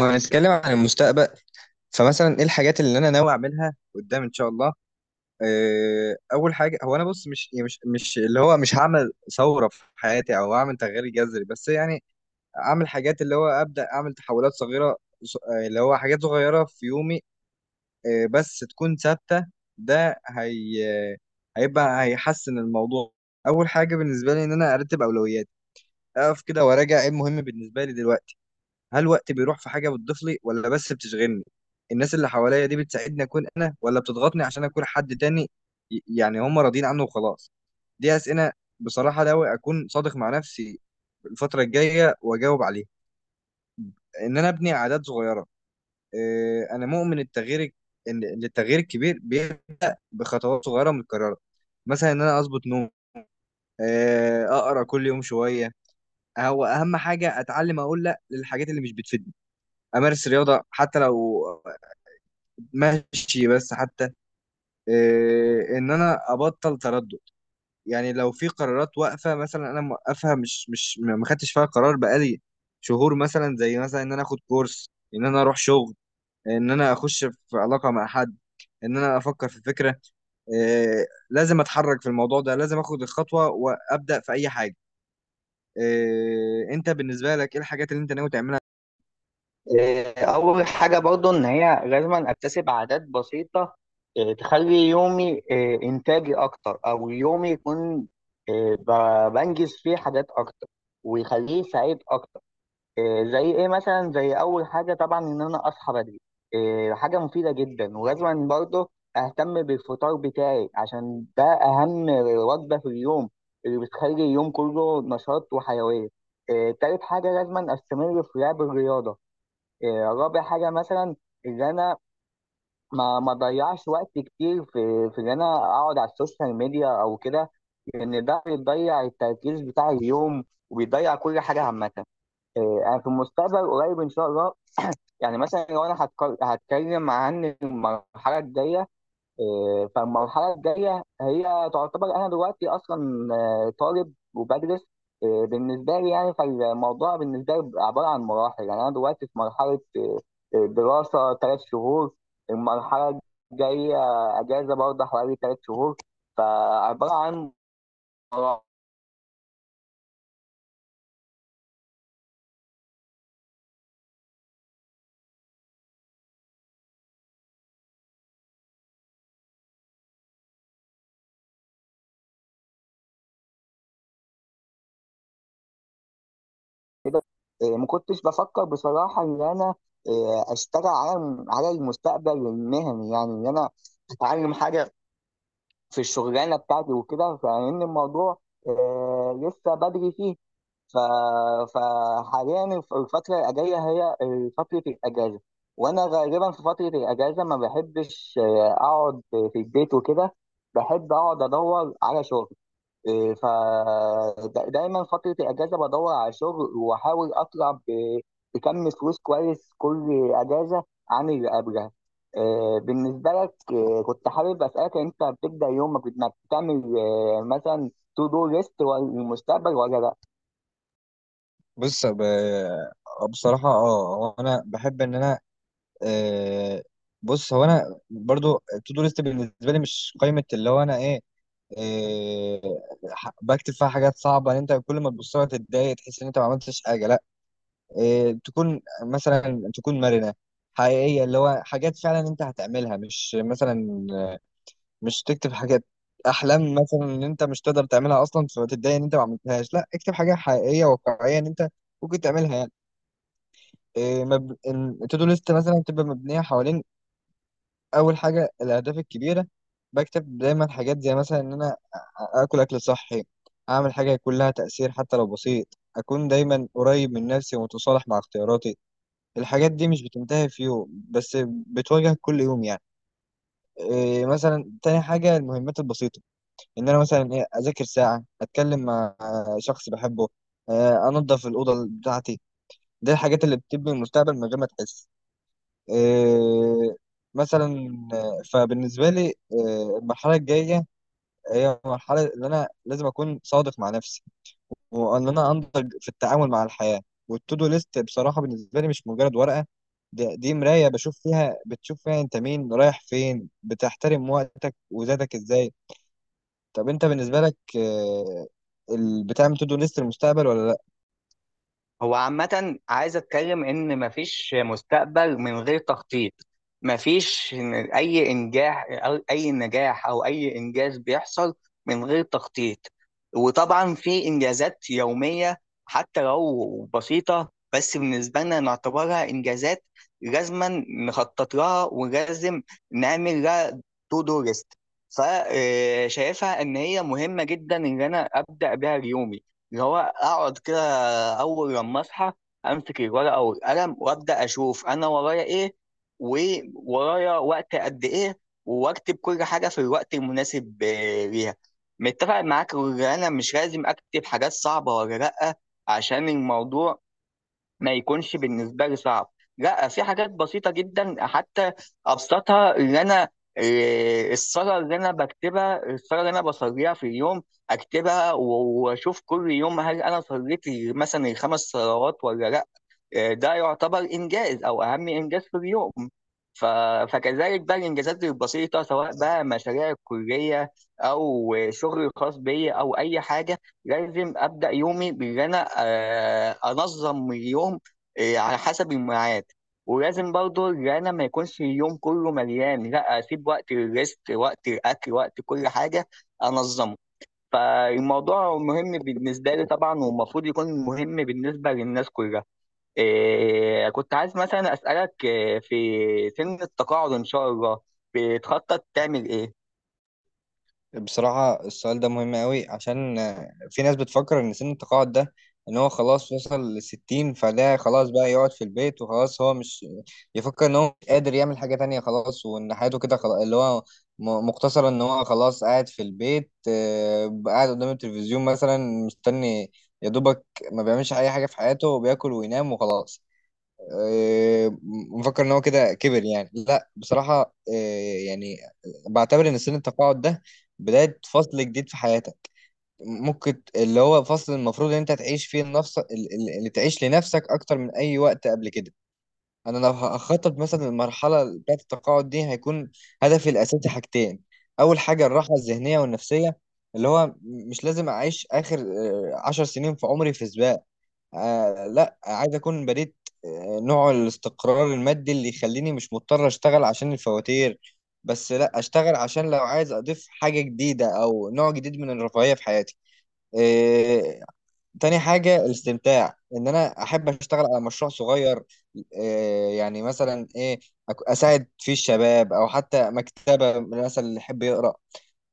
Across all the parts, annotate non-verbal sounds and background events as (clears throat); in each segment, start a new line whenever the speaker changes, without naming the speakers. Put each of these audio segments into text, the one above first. لو هنتكلم عن المستقبل، فمثلا ايه الحاجات اللي انا ناوي اعملها قدام ان شاء الله؟ اول حاجه، هو انا بص مش يعني مش اللي هو مش هعمل ثوره في حياتي او اعمل تغيير جذري، بس يعني اعمل حاجات اللي هو ابدا اعمل تحولات صغيره. اللي هو حاجات صغيره في يومي، بس تكون ثابته. ده هي. آه، هيبقى هيحسن الموضوع. اول حاجه بالنسبه لي ان انا ارتب اولوياتي، اقف كده وراجع ايه المهم بالنسبه لي دلوقتي. هل وقتي بيروح في حاجة بتضيف لي ولا بس بتشغلني؟ الناس اللي حواليا دي بتساعدني أكون أنا ولا بتضغطني عشان أكون حد تاني؟ يعني هم راضيين عنه وخلاص. دي أسئلة بصراحة ناوي أكون صادق مع نفسي الفترة الجاية وأجاوب عليها. إن أنا أبني عادات صغيرة. إيه، أنا مؤمن التغيير، إن التغيير الكبير بيبقى بخطوات صغيرة متكررة. مثلا إن أنا أظبط نوم. إيه، أقرأ كل يوم شوية. هو أهم حاجة أتعلم أقول لأ للحاجات اللي مش بتفيدني. أمارس رياضة حتى لو ماشي، بس حتى إيه ان انا ابطل تردد. يعني لو في قرارات واقفه، مثلا انا موقفها مش ما خدتش فيها قرار بقالي شهور، مثلا زي مثلا ان انا اخد كورس، ان انا اروح شغل، ان انا اخش في علاقه مع حد، ان انا افكر في فكره. إيه، لازم اتحرك في الموضوع ده، لازم اخد الخطوه وابدا في اي حاجه. إيه، انت بالنسبه لك ايه الحاجات اللي انت ناوي تعملها؟
إيه، أول حاجة برضو إن هي لازم أكتسب عادات بسيطة. إيه، تخلي يومي، إيه، إنتاجي أكتر أو يومي يكون، إيه، بنجز فيه حاجات أكتر ويخليه سعيد أكتر. إيه، زي إيه مثلا زي أول حاجة طبعا إن أنا أصحى بدري. إيه، حاجة مفيدة جدا ولازم برضو أهتم بالفطار بتاعي عشان ده أهم وجبة في اليوم اللي بتخلي اليوم كله نشاط وحيوية. إيه، تالت حاجة لازم أستمر في لعب الرياضة. إيه، رابع حاجة مثلا إن أنا ما أضيعش وقت كتير في إن أنا أقعد على السوشيال ميديا أو كده، لأن ده بيضيع التركيز بتاع اليوم وبيضيع كل حاجة عامة. إيه، أنا في المستقبل قريب إن شاء الله (clears throat) يعني مثلا لو أنا هتكلم عن المرحلة الجاية. إيه، فالمرحله الجايه هي تعتبر انا دلوقتي اصلا، طالب وبدرس. إيه، بالنسبه لي يعني فالموضوع بالنسبه لي بيبقى عباره عن مراحل، يعني انا دلوقتي في مرحله، دراسه ثلاث شهور. المرحله الجايه اجازه برضه حوالي 3 شهور. فعباره عن مراحل كده. إيه، ما كنتش بفكر بصراحه ان انا، إيه، اشتغل على المستقبل المهني، يعني ان انا اتعلم حاجه في الشغلانه بتاعتي وكده، فان الموضوع لسه بدري فيه. ف... فحاليا الفتره الجايه هي فتره الاجازه. وانا غالبا في فتره الاجازه ما بحبش، اقعد في البيت وكده، بحب اقعد ادور على شغل. فدايما فترة الأجازة بدور على شغل، وأحاول أطلع بكم فلوس كويس كل أجازة عن اللي قبلها. بالنسبة لك، كنت حابب أسألك، أنت بتبدأ يومك بإنك تعمل، مثلا، تو دو ليست للمستقبل ولا لأ؟
بص، بصراحة، اه هو انا بحب ان انا. آه، بص هو انا برضو، تو دو ليست بالنسبه لي مش قائمه اللي هو انا ايه، آه، بكتب فيها حاجات صعبه ان انت كل ما تبص لها تتضايق، تحس ان انت ما عملتش حاجه. لا، تكون مثلا تكون مرنه، حقيقيه، اللي هو حاجات فعلا انت هتعملها، مش مثلا مش تكتب حاجات احلام، مثلا ان انت مش تقدر تعملها اصلا فتتضايق ان انت ما عملتهاش. لا، اكتب حاجه حقيقيه واقعيه ان انت ممكن تعملها يعني. تو دو ليست مثلا تبقى مبنيه حوالين اول حاجه الاهداف الكبيره. بكتب دايما حاجات، زي مثلا ان انا اكل صحي، اعمل حاجه يكون لها تاثير حتى لو بسيط، اكون دايما قريب من نفسي ومتصالح مع اختياراتي. الحاجات دي مش بتنتهي في يوم، بس بتواجهك كل يوم يعني. إيه، مثلا تاني حاجه المهمات البسيطه، ان انا مثلا إيه اذاكر ساعه، اتكلم مع شخص بحبه، انضف الاوضه بتاعتي. دي الحاجات اللي بتبني المستقبل من غير ما تحس. إيه، مثلا. فبالنسبة لي المرحلة الجاية هي المرحلة اللي أنا لازم أكون صادق مع نفسي وإن أنا أنضج في التعامل مع الحياة. والتودو ليست بصراحة بالنسبة لي مش مجرد ورقة، دي مراية بشوف فيها، بتشوف فيها أنت مين، رايح فين، بتحترم وقتك وذاتك إزاي. طب أنت بالنسبة لك، بتعمل تودو ليست للمستقبل ولا لأ؟
هو عامة عايز اتكلم ان مفيش مستقبل من غير تخطيط. مفيش اي انجاح او اي نجاح او اي انجاز بيحصل من غير تخطيط. وطبعا في انجازات يومية حتى لو بسيطة، بس بالنسبة لنا نعتبرها انجازات لازما نخطط لها ولازم نعمل لها تو دو ليست. فشايفها ان هي مهمة جدا ان انا ابدأ بيها يومي. اللي هو اقعد كده اول لما اصحى، امسك الورقه والقلم وابدا اشوف انا ورايا ايه، وورايا وقت قد ايه، واكتب كل حاجه في الوقت المناسب ليها. متفق معاك ان انا مش لازم اكتب حاجات صعبه ولا لا، عشان الموضوع ما يكونش بالنسبه لي صعب. لا، في حاجات بسيطه جدا حتى ابسطها، اللي انا، إيه، الصلاه اللي انا بكتبها، الصلاه اللي انا بصليها في اليوم اكتبها واشوف كل يوم هل انا صليت مثلا الخمس صلوات ولا لا. ده يعتبر انجاز او اهم انجاز في اليوم. ف... فكذلك بقى الانجازات البسيطه سواء بقى مشاريع الكليه او شغلي الخاص بيا او اي حاجه، لازم ابدا يومي بان انا، انظم اليوم على حسب الميعاد. ولازم برضه ان انا ما يكونش اليوم كله مليان، لا اسيب وقت للريست، وقت الاكل، وقت كل حاجه انظمه. فالموضوع مهم بالنسبه لي طبعا، والمفروض يكون مهم بالنسبه للناس كلها. إيه كنت عايز مثلا أسألك، إيه، في سن التقاعد إن شاء الله بتخطط تعمل إيه؟
بصراحة السؤال ده مهم قوي، عشان في ناس بتفكر إن سن التقاعد ده، إن هو خلاص وصل للستين، فده خلاص بقى يقعد في البيت وخلاص، هو مش يفكر إن هو مش قادر يعمل حاجة تانية خلاص، وإن حياته كده خلاص، اللي هو مقتصرة إن هو خلاص قاعد في البيت، قاعد قدام التلفزيون مثلا، مستني، يا دوبك، ما بيعملش أي حاجة في حياته، وبياكل وينام وخلاص. مفكر ان هو كده كبر يعني. لا، بصراحه، يعني بعتبر ان سن التقاعد ده بدايه فصل جديد في حياتك. ممكن اللي هو فصل المفروض ان انت تعيش فيه النفس، اللي تعيش لنفسك اكتر من اي وقت قبل كده. انا لو هخطط مثلا المرحله بتاعه التقاعد دي، هيكون هدفي الاساسي حاجتين. اول حاجه الراحه الذهنيه والنفسيه، اللي هو مش لازم اعيش اخر 10 سنين في عمري في سباق. لا، عايز اكون بنيت نوع الاستقرار المادي اللي يخليني مش مضطر اشتغل عشان الفواتير، بس لا اشتغل عشان لو عايز اضيف حاجة جديدة او نوع جديد من الرفاهية في حياتي. آه تاني حاجة الاستمتاع، ان انا احب اشتغل على مشروع صغير، يعني مثلا ايه اساعد فيه الشباب، او حتى مكتبة مثلا اللي يحب يقرأ.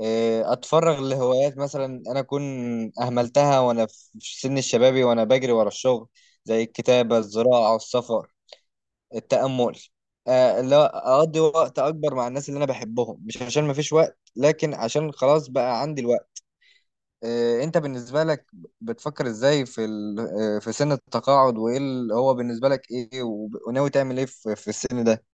إيه، اتفرغ لهوايات مثلا انا اكون اهملتها وانا في سن الشبابي وانا بجري ورا الشغل، زي الكتابه، الزراعه، السفر، التامل. لا، اقضي وقت اكبر مع الناس اللي انا بحبهم، مش عشان ما فيش وقت لكن عشان خلاص بقى عندي الوقت. إيه، انت بالنسبه لك بتفكر ازاي في في سن التقاعد، وايه اللي هو بالنسبه لك ايه، وناوي تعمل ايه في السن ده؟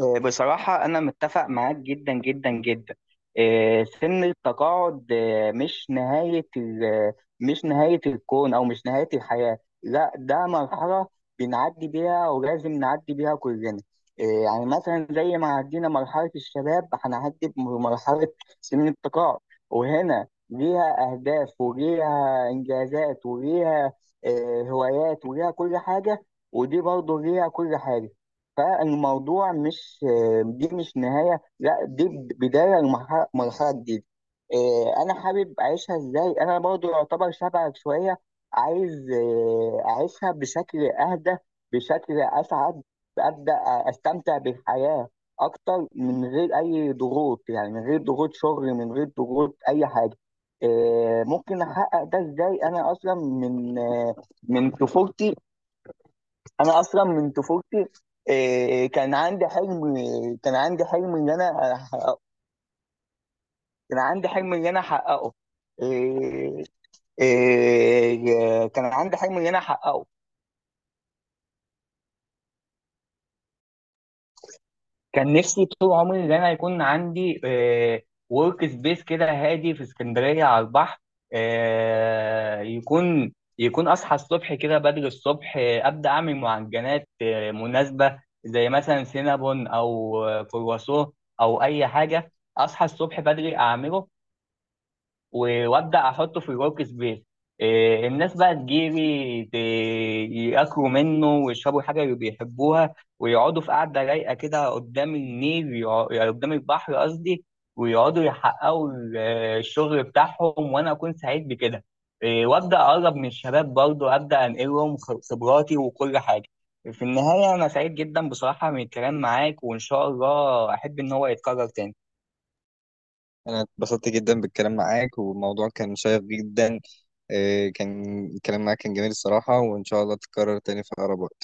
بصراحة أنا متفق معاك جدا جدا جدا. سن التقاعد، مش نهاية مش نهاية الكون أو مش نهاية الحياة. لا، ده مرحلة بنعدي بيها ولازم نعدي بيها كلنا. يعني مثلا زي ما عدينا مرحلة الشباب هنعدي بمرحلة سن التقاعد. وهنا ليها أهداف وليها إنجازات وليها، هوايات، وليها كل حاجة. ودي برضه ليها كل حاجة. فالموضوع مش، دي مش نهاية، لا دي بداية لمرحلة، مرحلة جديدة. إيه، أنا حابب أعيشها إزاي، أنا برضو يعتبر شبهك شوية. عايز، إيه، أعيشها بشكل أهدى، بشكل أسعد، أبدأ أستمتع بالحياة أكتر من غير أي ضغوط، يعني من غير ضغوط شغل، من غير ضغوط أي حاجة. إيه، ممكن أحقق ده إزاي؟ أنا أصلا من طفولتي، انا اصلا من طفولتي، إيه، كان عندي حلم، كان عندي حلم ان انا احققه، كان عندي حلم ان انا احققه، إيه، إيه، كان عندي حلم ان انا احققه. كان نفسي طول عمري ان انا يكون عندي ورك سبيس كده هادي في اسكندريه على البحر. آه، يكون يكون اصحى الصبح كده بدري الصبح، ابدا اعمل معجنات مناسبه زي مثلا سينابون او، كرواسون او اي حاجه. اصحى الصبح بدري اعمله، وابدا احطه في الورك سبيس. إيه، الناس بقى تجيلي ياكلوا منه ويشربوا الحاجه اللي بيحبوها، ويقعدوا في قعده رايقه كده قدام النيل، يعني قدام البحر قصدي. ويقعدوا يحققوا الشغل بتاعهم وانا اكون سعيد بكده. إيه، وابدا اقرب من الشباب برضه، ابدا انقلهم خبراتي وكل حاجه. في النهايه انا سعيد جدا بصراحه من الكلام معاك، وان شاء الله احب ان هو يتكرر تاني.
أنا اتبسطت جدا بالكلام معاك، والموضوع كان شيق جدا. كان الكلام معاك كان جميل الصراحة، وإن شاء الله تتكرر تاني في أقرب وقت.